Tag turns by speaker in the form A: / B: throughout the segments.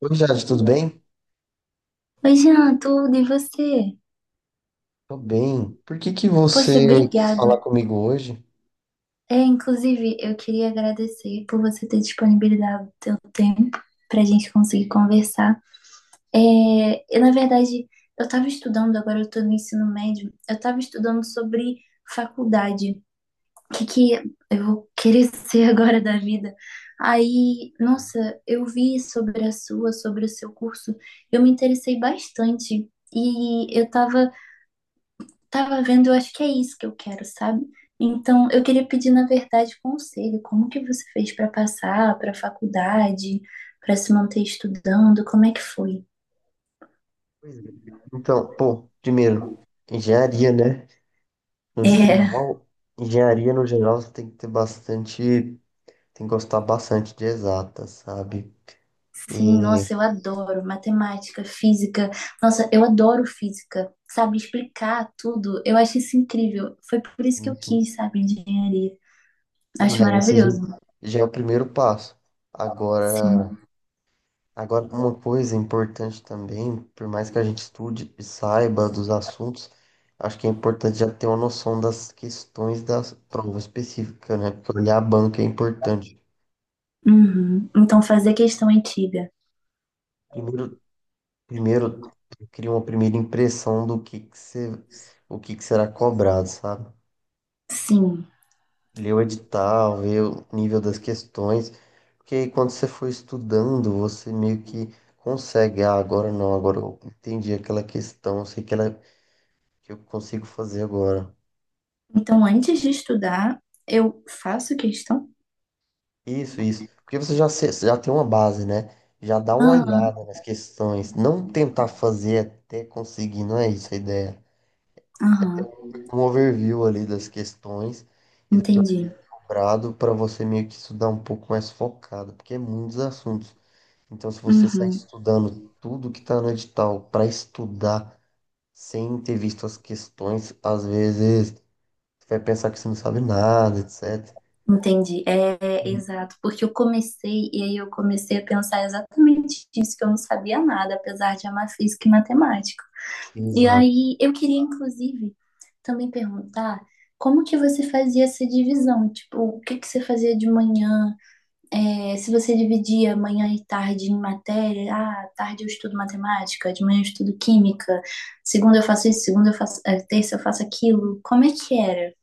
A: Oi, Jade, tudo bem?
B: Oi, Jean, tudo e você?
A: Tô bem. Por que que
B: Poxa,
A: você quis
B: obrigada.
A: falar comigo hoje?
B: É, inclusive, eu queria agradecer por você ter disponibilizado o seu tempo para a gente conseguir conversar. É, eu, na verdade, eu estava estudando, agora eu estou no ensino médio, eu estava estudando sobre faculdade, o que que eu vou querer ser agora da vida. Aí, nossa, eu vi sobre o seu curso, eu me interessei bastante. E eu estava tava vendo, eu acho que é isso que eu quero, sabe? Então, eu queria pedir, na verdade, conselho. Como que você fez para passar para a faculdade, para se manter estudando? Como é que foi?
A: Pois é. Então, pô, primeiro, engenharia, né? No
B: É,
A: geral, engenharia no geral você tem que ter bastante, tem que gostar bastante de exatas, sabe?
B: sim,
A: E,
B: nossa, eu adoro matemática, física. Nossa, eu adoro física, sabe? Explicar tudo. Eu acho isso incrível. Foi por isso que eu
A: enfim,
B: quis, sabe, engenharia.
A: não,
B: Acho
A: é, esse
B: maravilhoso.
A: já já é o primeiro passo. Agora,
B: Sim.
A: Agora, uma coisa importante também, por mais que a gente estude e saiba dos assuntos, acho que é importante já ter uma noção das questões da prova específica, né? Porque olhar a banca é importante.
B: Uhum. Então, fazer questão antiga.
A: Primeiro, primeiro cria uma primeira impressão do que se- o que que será cobrado, sabe?
B: Sim.
A: Ler o edital, ver o nível das questões, porque aí quando você for estudando, você meio que consegue, ah, agora não, agora eu entendi aquela questão, sei que ela que eu consigo fazer agora.
B: Então, antes de estudar, eu faço questão.
A: Isso, isso. Porque você já, já tem uma base, né? Já dá uma
B: Aham,
A: olhada nas questões. Não tentar fazer até conseguir, não é isso a ideia. É ter
B: aham,
A: um overview ali das questões e do que é
B: entendi.
A: cobrado para você meio que estudar um pouco mais focado, porque é muitos assuntos. Então, se você sai
B: Uhum,
A: estudando tudo que está no edital para estudar sem ter visto as questões, às vezes você vai pensar que você não sabe nada, etc.
B: entendi. É, é, exato, porque eu comecei e aí eu comecei a pensar exatamente isso, que eu não sabia nada, apesar de amar física e matemática. E
A: Exato.
B: aí eu queria, inclusive, também perguntar como que você fazia essa divisão? Tipo, o que que você fazia de manhã? É, se você dividia manhã e tarde em matéria, ah, tarde eu estudo matemática, de manhã eu estudo química, segunda eu faço isso, segunda eu faço, terça eu faço aquilo. Como é que era?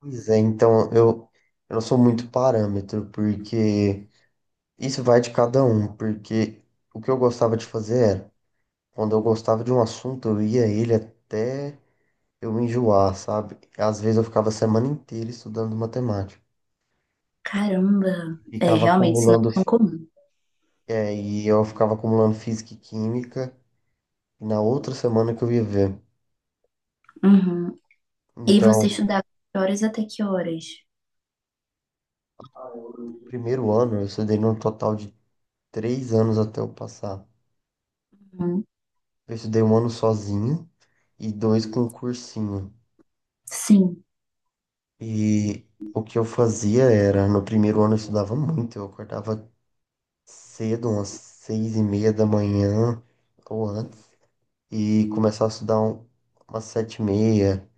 A: Pois é, então eu não sou muito parâmetro, porque isso vai de cada um, porque o que eu gostava de fazer era, quando eu gostava de um assunto, eu ia a ele até eu me enjoar, sabe? Às vezes eu ficava a semana inteira estudando matemática,
B: Caramba! É,
A: ficava
B: realmente, isso não é
A: acumulando,
B: tão comum.
A: é, e eu ficava acumulando física e química na outra semana que eu ia ver.
B: Uhum. E você
A: Então,
B: estudava de horas até que horas?
A: primeiro ano eu estudei num total de 3 anos até eu passar.
B: Uhum.
A: Eu estudei um ano sozinho e dois com um cursinho.
B: Sim.
A: E o que eu fazia era, no primeiro ano eu estudava muito, eu acordava cedo, umas 6:30 da manhã ou antes, e começava a estudar umas 7:30,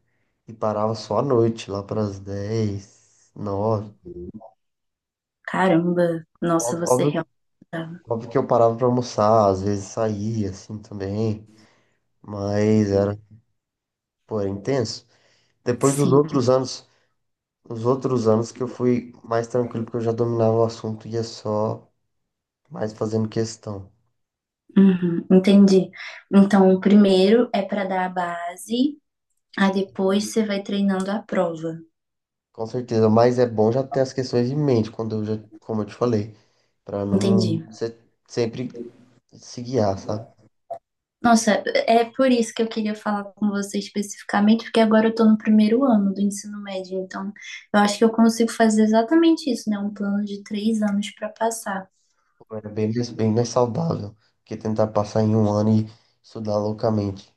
A: e parava só à noite, lá para as 10, 9.
B: Caramba! Nossa,
A: Óbvio,
B: você
A: óbvio que
B: realmente estudava.
A: óbvio que eu parava para almoçar, às vezes saía assim também, mas era, pô, era intenso. Depois dos
B: Sim.
A: outros anos, os outros anos que eu fui mais tranquilo, porque eu já dominava o assunto e ia só mais fazendo questão.
B: Uhum. Entendi. Então, o primeiro é para dar a base, aí depois você vai treinando a prova.
A: Com certeza, mas é bom já ter as questões em mente, quando eu já, como eu te falei, para
B: Entendi.
A: não sempre se guiar, sabe?
B: Nossa, é por isso que eu queria falar com você especificamente, porque agora eu tô no 1º ano do ensino médio, então eu acho que eu consigo fazer exatamente isso, né? Um plano de 3 anos para passar.
A: É bem mais saudável que tentar passar em um ano e estudar loucamente.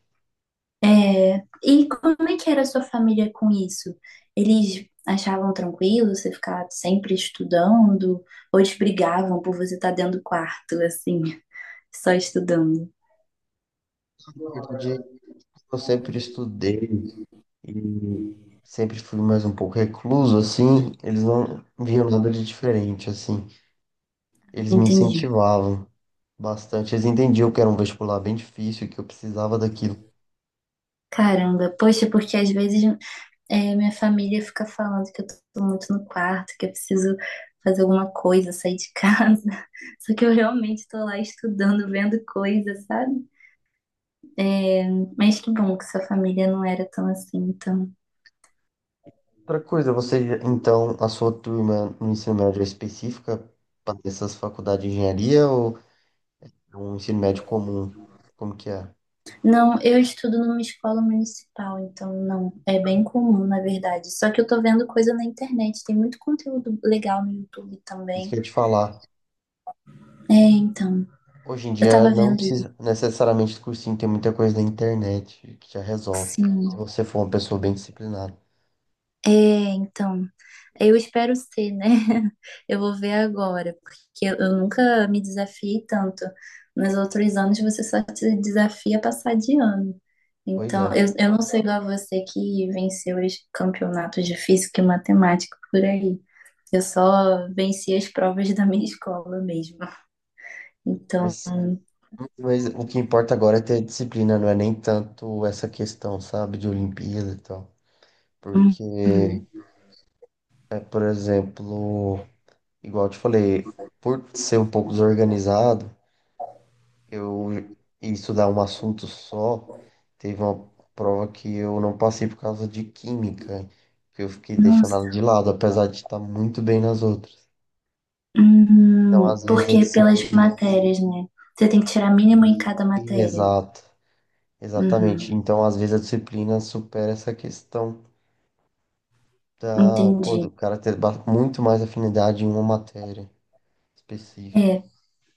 B: É, e como é que era a sua família com isso? Eles achavam tranquilo você ficar sempre estudando? Ou eles brigavam por você estar dentro do quarto, assim, só estudando?
A: Na verdade, eu sempre estudei e sempre fui mais um pouco recluso, assim, eles não viam nada de diferente, assim. Eles me
B: Entendi.
A: incentivavam bastante, eles entendiam que era um vestibular bem difícil, que eu precisava daquilo.
B: Caramba, poxa, porque às vezes minha família fica falando que eu tô muito no quarto, que eu preciso fazer alguma coisa, sair de casa. Só que eu realmente tô lá estudando, vendo coisas, sabe? É, mas que bom que sua família não era tão assim, então.
A: Outra coisa, você, então, a sua turma no ensino médio é específica para essas faculdades de engenharia ou é um ensino médio comum? Como que é?
B: Não, eu estudo numa escola municipal, então não, é bem comum, na verdade. Só que eu tô vendo coisa na internet, tem muito conteúdo legal no YouTube
A: Isso que eu
B: também.
A: ia te falar.
B: É, então,
A: Hoje em
B: eu
A: dia
B: tava
A: não
B: vendo isso,
A: precisa necessariamente de cursinho, tem muita coisa na internet que já resolve, se
B: sim.
A: você for uma pessoa bem disciplinada.
B: É, então, eu espero ser, né? Eu vou ver agora, porque eu nunca me desafiei tanto. Nos outros anos você só se desafia a passar de ano.
A: Pois
B: Então,
A: é,
B: eu não sei igual a você que venceu os campeonatos de física e matemática por aí. Eu só venci as provas da minha escola mesmo. Então,
A: mas, mas o que importa agora é ter disciplina, não é nem tanto essa questão, sabe, de Olimpíada e tal.
B: hum,
A: Porque,
B: hum,
A: por exemplo. Igual eu te falei, por ser um pouco desorganizado, eu ia estudar um assunto só. Teve uma prova que eu não passei por causa de química, que eu fiquei deixando
B: nossa,
A: ela de lado, apesar de estar muito bem nas outras. Então, às vezes a
B: porque pelas
A: disciplina.
B: matérias, né? Você tem que tirar mínimo em
A: Isso.
B: cada
A: E,
B: matéria.
A: exato, exatamente.
B: Uhum,
A: Então, às vezes a disciplina supera essa questão da, pô,
B: entendi.
A: do cara ter muito mais afinidade em uma matéria específica.
B: É,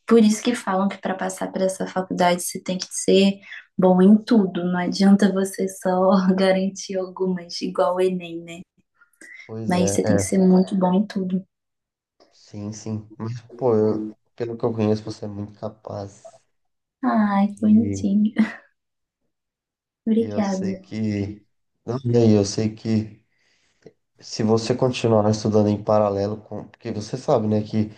B: por isso que falam que para passar para essa faculdade você tem que ser bom em tudo. Não adianta você só garantir algumas, igual o Enem, né?
A: Pois
B: Mas
A: é.
B: você tem que ser muito bom em tudo.
A: Sim, sim. Mas, pô, pelo que eu conheço, você é muito capaz.
B: Ai, que
A: E,
B: bonitinho.
A: e eu sei
B: Obrigada.
A: que. Não, e aí, eu sei que se você continuar estudando em paralelo com. Porque você sabe, né, que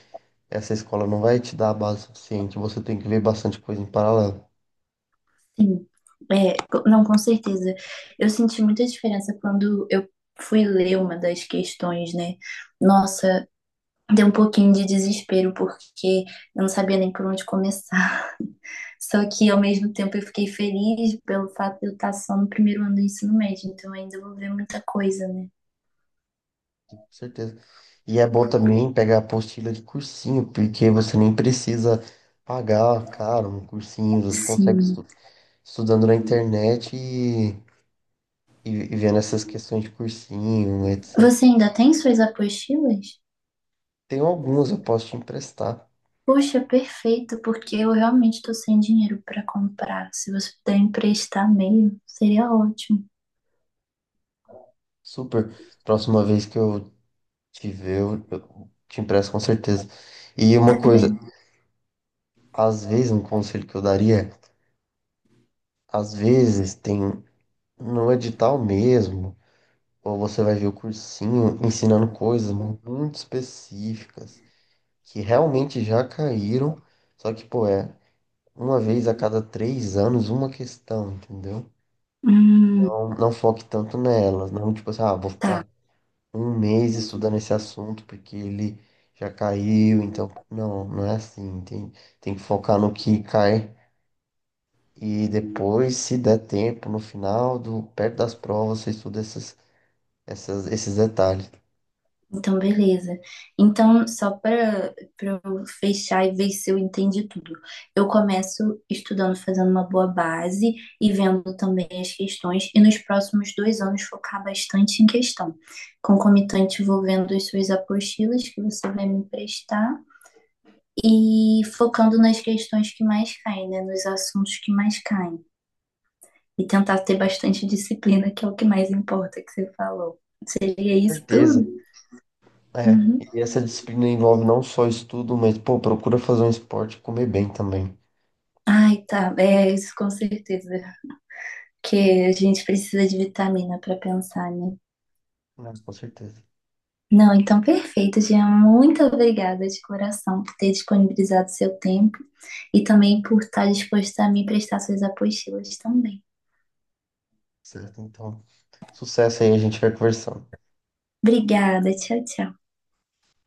A: essa escola não vai te dar a base suficiente. Você tem que ver bastante coisa em paralelo.
B: Sim, não, com certeza. Eu senti muita diferença quando eu fui ler uma das questões, né? Nossa, deu um pouquinho de desespero porque eu não sabia nem por onde começar. Só que ao mesmo tempo eu fiquei feliz pelo fato de eu estar só no 1º ano do ensino médio, então ainda vou ver muita coisa, né?
A: Com certeza. E é bom também pegar a apostila de cursinho, porque você nem precisa pagar caro um cursinho. Você consegue
B: Sim.
A: estudando na internet e vendo essas questões de cursinho, etc.
B: Você ainda tem suas apostilas?
A: Tem alguns, eu posso te emprestar.
B: Poxa, perfeito, porque eu realmente estou sem dinheiro para comprar. Se você puder emprestar meio, seria ótimo.
A: Super. Próxima vez que eu te ver, eu te empresto com certeza. E
B: Tá
A: uma coisa,
B: bem.
A: às vezes, um conselho que eu daria, às vezes tem no edital mesmo, ou você vai ver o cursinho ensinando coisas muito específicas que realmente já caíram, só que, pô, é uma vez a cada 3 anos uma questão, entendeu?
B: Hum,
A: Não, não foque tanto nelas, não tipo assim, ah, vou
B: tá.
A: ficar um mês estudando esse assunto porque ele já caiu, então não, não é assim, tem que focar no que cai e depois, se der tempo, no final do perto das provas, você estuda esses detalhes.
B: Então, beleza. Então, só para eu fechar e ver se eu entendi tudo. Eu começo estudando, fazendo uma boa base e vendo também as questões, e nos próximos 2 anos focar bastante em questão. Concomitante, vou vendo as suas apostilas que você vai me emprestar e focando nas questões que mais caem, né? Nos assuntos que mais caem. E tentar ter bastante disciplina, que é o que mais importa, que você falou.
A: Com
B: Seria isso
A: certeza.
B: tudo?
A: É,
B: Uhum.
A: e essa disciplina envolve não só estudo, mas pô, procura fazer um esporte e comer bem também.
B: Ai, tá. É isso com certeza. Porque a gente precisa de vitamina para pensar, né?
A: Né? Com certeza.
B: Não, então perfeito, Jean. Muito obrigada de coração por ter disponibilizado seu tempo e também por estar disposta a me prestar suas apostilas também.
A: Certo, então, sucesso aí, a gente vai conversando.
B: Obrigada, tchau, tchau.